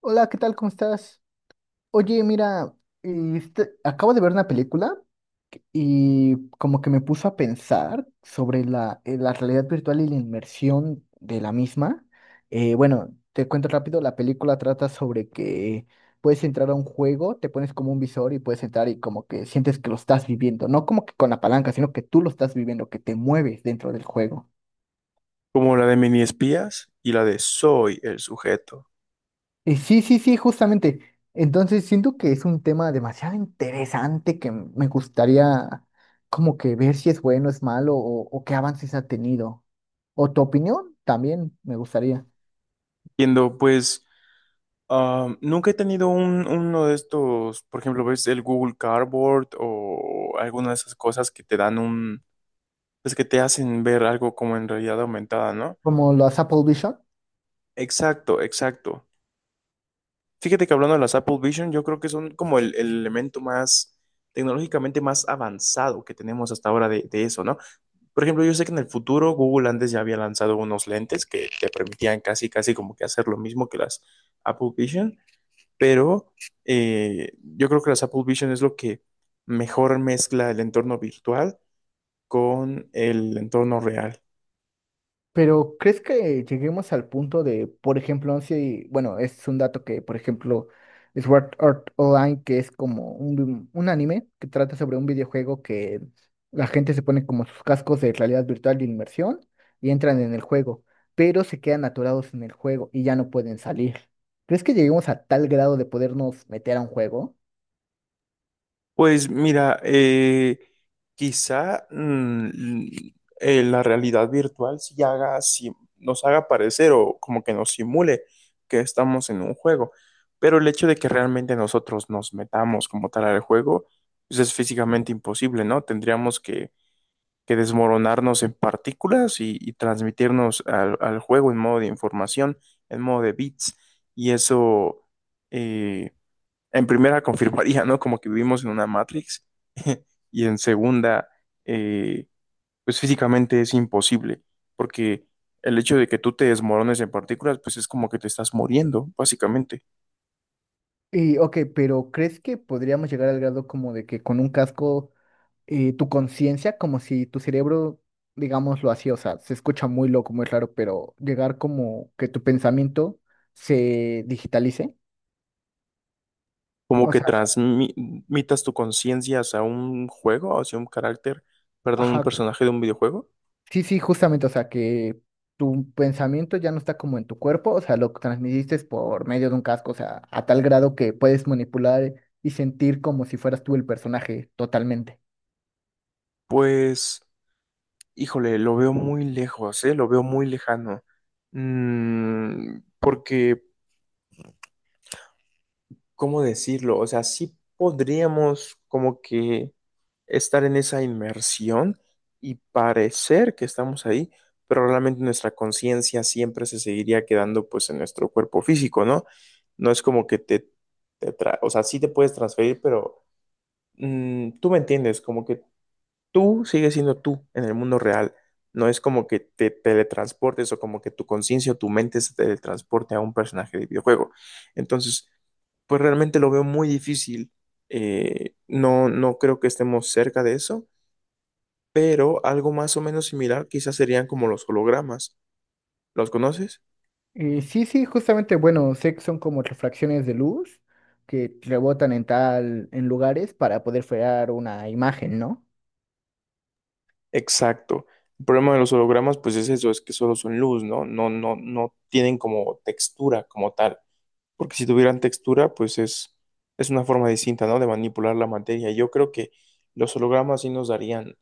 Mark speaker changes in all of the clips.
Speaker 1: Hola, ¿qué tal? ¿Cómo estás? Oye, mira, acabo de ver una película y como que me puso a pensar sobre la realidad virtual y la inmersión de la misma. Bueno, te cuento rápido, la película trata sobre que puedes entrar a un juego, te pones como un visor y puedes entrar y como que sientes que lo estás viviendo, no como que con la palanca, sino que tú lo estás viviendo, que te mueves dentro del juego.
Speaker 2: Como la de Mini Espías y la de Soy el sujeto.
Speaker 1: Sí, sí, sí, justamente. Entonces siento que es un tema demasiado interesante que me gustaría como que ver si es bueno, es malo o qué avances ha tenido. O tu opinión también me gustaría.
Speaker 2: Entiendo. Pues nunca he tenido uno de estos. Por ejemplo, ves el Google Cardboard o alguna de esas cosas que te dan un, pues que te hacen ver algo como en realidad aumentada, ¿no?
Speaker 1: Como los Apple Vision.
Speaker 2: Exacto, exacto. Fíjate que hablando de las Apple Vision, yo creo que son como el elemento más tecnológicamente más avanzado que tenemos hasta ahora de eso, ¿no? Por ejemplo, yo sé que en el futuro Google antes ya había lanzado unos lentes que te permitían casi, casi como que hacer lo mismo que las Apple Vision, pero yo creo que las Apple Vision es lo que mejor mezcla el entorno virtual con el entorno real.
Speaker 1: Pero ¿crees que lleguemos al punto de, por ejemplo, si, bueno, es un dato que, por ejemplo, Sword Art Online, que es como un anime que trata sobre un videojuego que la gente se pone como sus cascos de realidad virtual de inmersión y entran en el juego, pero se quedan atorados en el juego y ya no pueden salir. ¿Crees que lleguemos a tal grado de podernos meter a un juego?
Speaker 2: Pues mira, quizá la realidad virtual sí haga, sí nos haga parecer o como que nos simule que estamos en un juego, pero el hecho de que realmente nosotros nos metamos como tal al juego, pues es físicamente imposible, ¿no? Tendríamos que desmoronarnos en partículas y transmitirnos al, al juego en modo de información, en modo de bits, y eh, en primera confirmaría, ¿no? Como que vivimos en una Matrix. Y en segunda, eh, pues físicamente es imposible, porque el hecho de que tú te desmorones en partículas, pues es como que te estás muriendo, básicamente,
Speaker 1: Y, ok, pero ¿crees que podríamos llegar al grado como de que con un casco tu conciencia, como si tu cerebro, digámoslo así, o sea, se escucha muy loco, muy raro, pero llegar como que tu pensamiento se digitalice.
Speaker 2: como
Speaker 1: O
Speaker 2: que
Speaker 1: sea,
Speaker 2: transmitas tu conciencia hacia un juego, hacia un carácter, perdón, un
Speaker 1: ajá,
Speaker 2: personaje de un videojuego.
Speaker 1: sí, sí, justamente, o sea, que tu pensamiento ya no está como en tu cuerpo, o sea, lo transmitiste por medio de un casco, o sea, a tal grado que puedes manipular y sentir como si fueras tú el personaje totalmente.
Speaker 2: Pues, híjole, lo veo muy lejos, ¿eh? Lo veo muy lejano. Porque ¿cómo decirlo? O sea, sí podríamos como que estar en esa inmersión y parecer que estamos ahí, pero realmente nuestra conciencia siempre se seguiría quedando pues en nuestro cuerpo físico, ¿no? No es como que o sea, sí te puedes transferir, pero tú me entiendes, como que tú sigues siendo tú en el mundo real. No es como que te teletransportes o como que tu conciencia o tu mente se teletransporte a un personaje de videojuego. Entonces, pues realmente lo veo muy difícil. No, no creo que estemos cerca de eso, pero algo más o menos similar quizás serían como los hologramas. ¿Los conoces?
Speaker 1: Sí, sí, justamente, bueno, sé que son como refracciones de luz que rebotan en tal, en lugares para poder frear una imagen, ¿no?
Speaker 2: Exacto. El problema de los hologramas, pues es eso, es que solo son luz, ¿no? No, no, no tienen como textura como tal. Porque si tuvieran textura, pues es una forma distinta, ¿no? De manipular la materia. Yo creo que los hologramas sí nos darían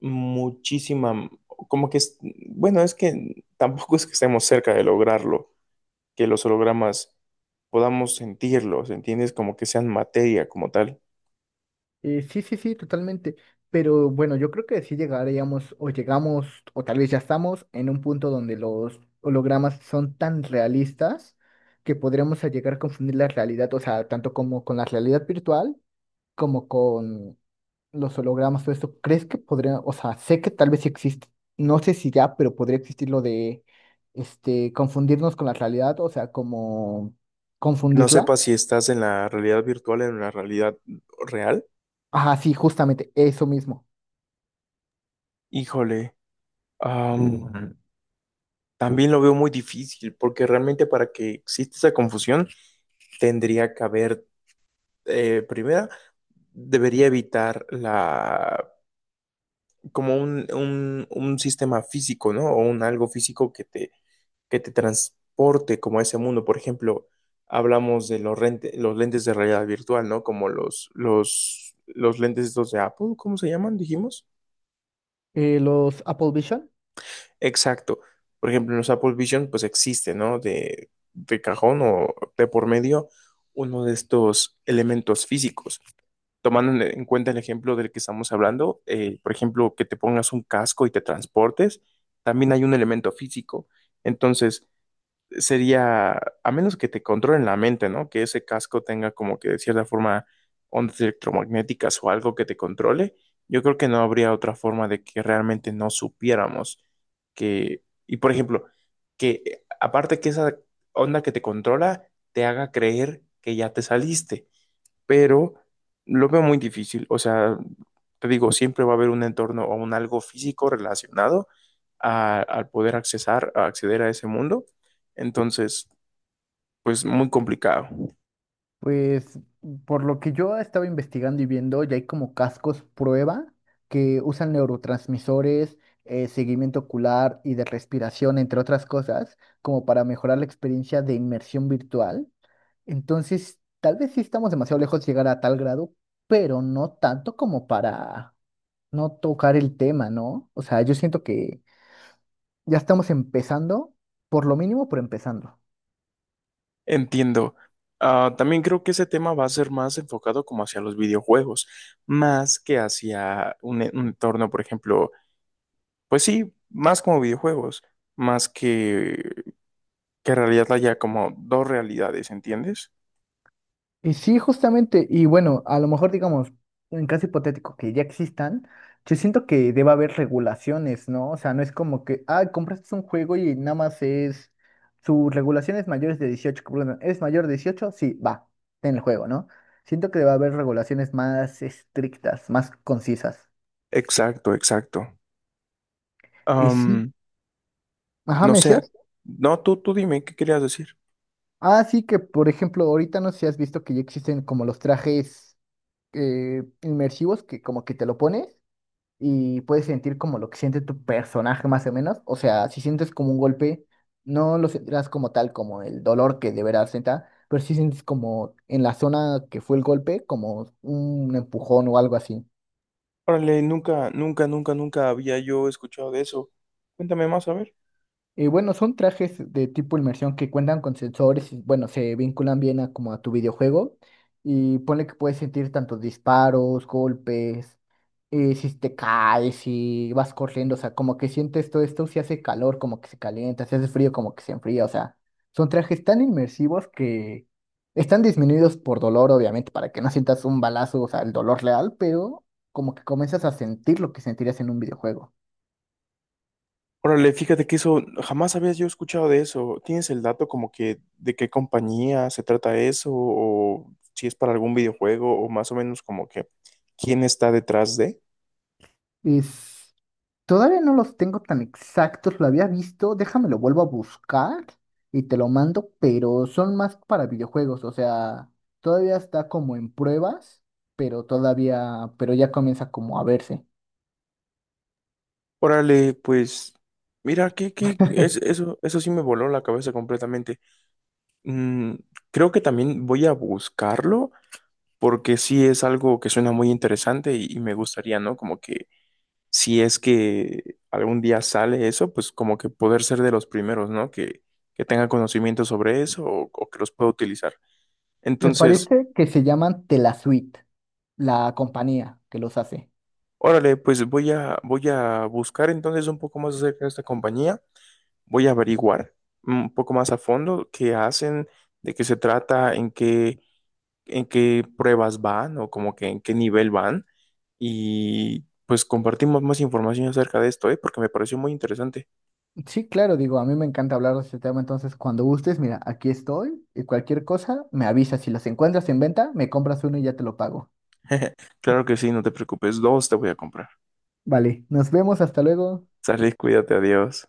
Speaker 2: muchísima, como que, bueno, es que tampoco es que estemos cerca de lograrlo que los hologramas podamos sentirlos, ¿entiendes? Como que sean materia como tal.
Speaker 1: Sí, sí, sí, totalmente. Pero bueno, yo creo que sí llegaríamos o llegamos o tal vez ya estamos en un punto donde los hologramas son tan realistas que podríamos a llegar a confundir la realidad, o sea, tanto como con la realidad virtual como con los hologramas o eso, ¿crees que podría, o sea, sé que tal vez sí existe, no sé si ya, pero podría existir lo de, este, confundirnos con la realidad, o sea, como
Speaker 2: No
Speaker 1: confundirla?
Speaker 2: sepa si estás en la realidad virtual o en la realidad real.
Speaker 1: Ajá, sí, justamente, eso mismo.
Speaker 2: Híjole, am, también lo veo muy difícil porque realmente para que exista esa confusión tendría que haber, primera, debería evitar la, como un sistema físico, ¿no? O un algo físico que te transporte como a ese mundo. Por ejemplo, hablamos de los lentes de realidad virtual, ¿no? Como los lentes estos de Apple, ¿cómo se llaman? Dijimos.
Speaker 1: Los Apple Vision,
Speaker 2: Exacto. Por ejemplo, en los Apple Vision, pues existe, ¿no? De cajón o de por medio uno de estos elementos físicos. Tomando en cuenta el ejemplo del que estamos hablando, por ejemplo, que te pongas un casco y te transportes, también hay un elemento físico. Entonces, sería, a menos que te controlen la mente, ¿no? Que ese casco tenga como que de cierta forma ondas electromagnéticas o algo que te controle, yo creo que no habría otra forma de que realmente no supiéramos que, y por ejemplo, que aparte que esa onda que te controla te haga creer que ya te saliste, pero lo veo muy difícil. O sea, te digo, siempre va a haber un entorno o un algo físico relacionado al poder accesar, a acceder a ese mundo. Entonces, pues muy complicado.
Speaker 1: pues, por lo que yo estaba investigando y viendo, ya hay como cascos prueba que usan neurotransmisores, seguimiento ocular y de respiración, entre otras cosas, como para mejorar la experiencia de inmersión virtual. Entonces, tal vez sí estamos demasiado lejos de llegar a tal grado, pero no tanto como para no tocar el tema, ¿no? O sea, yo siento que ya estamos empezando, por lo mínimo, por empezando.
Speaker 2: Entiendo. Ah, también creo que ese tema va a ser más enfocado como hacia los videojuegos, más que hacia un, un entorno. Por ejemplo, pues sí, más como videojuegos, más que en realidad haya como dos realidades, ¿entiendes?
Speaker 1: Y sí, justamente, y bueno, a lo mejor digamos, en caso hipotético que ya existan, yo siento que debe haber regulaciones, ¿no? O sea, no es como que, ah, compraste un juego y nada más es, su regulación es mayores de 18 que pongan, ¿es mayor de 18? Sí, va, en el juego, ¿no? Siento que debe haber regulaciones más estrictas, más concisas.
Speaker 2: Exacto, exacto.
Speaker 1: Y sí, ajá,
Speaker 2: No
Speaker 1: ¿me
Speaker 2: sé,
Speaker 1: decías?
Speaker 2: no, tú dime, ¿qué querías decir?
Speaker 1: Ah, sí, que por ejemplo, ahorita no sé si has visto que ya existen como los trajes inmersivos que como que te lo pones. Y puedes sentir como lo que siente tu personaje más o menos. O sea, si sientes como un golpe, no lo sentirás como tal, como el dolor que deberás sentir, pero sí sientes como en la zona que fue el golpe, como un empujón o algo así.
Speaker 2: Órale, nunca, nunca, nunca, nunca había yo escuchado de eso. Cuéntame más, a ver.
Speaker 1: Y bueno, son trajes de tipo inmersión que cuentan con sensores y bueno, se vinculan bien a como a tu videojuego y ponle que puedes sentir tantos disparos, golpes, si te caes, si vas corriendo, o sea, como que sientes todo esto, si hace calor como que se calienta, si hace frío como que se enfría, o sea, son trajes tan inmersivos que están disminuidos por dolor, obviamente, para que no sientas un balazo, o sea, el dolor real, pero como que comienzas a sentir lo que sentirías en un videojuego.
Speaker 2: Órale, fíjate que eso, jamás había yo escuchado de eso. ¿Tienes el dato como que de qué compañía se trata eso? ¿O si es para algún videojuego? ¿O más o menos como que quién está detrás de?
Speaker 1: Todavía no los tengo tan exactos, lo había visto, déjame lo vuelvo a buscar y te lo mando, pero son más para videojuegos, o sea, todavía está como en pruebas, pero todavía, pero ya comienza como a verse.
Speaker 2: Órale, pues, mira, que es, eso sí me voló la cabeza completamente. Mm, Creo que también voy a buscarlo porque sí es algo que suena muy interesante y me gustaría, ¿no? Como que si es que algún día sale eso, pues como que poder ser de los primeros, ¿no? Que tenga conocimiento sobre eso o que los pueda utilizar.
Speaker 1: Me
Speaker 2: Entonces,
Speaker 1: parece que se llaman Telasuite, la compañía que los hace.
Speaker 2: órale, pues voy a, voy a buscar entonces un poco más acerca de esta compañía, voy a averiguar un poco más a fondo qué hacen, de qué se trata, en qué pruebas van o como que en qué nivel van. Y pues compartimos más información acerca de esto, ¿eh? Porque me pareció muy interesante.
Speaker 1: Sí, claro, digo, a mí me encanta hablar de este tema, entonces cuando gustes, mira, aquí estoy y cualquier cosa, me avisas, si los encuentras en venta, me compras uno y ya te lo pago.
Speaker 2: Claro que sí, no te preocupes, dos te voy a comprar.
Speaker 1: Vale, nos vemos, hasta luego.
Speaker 2: Sale, cuídate, adiós.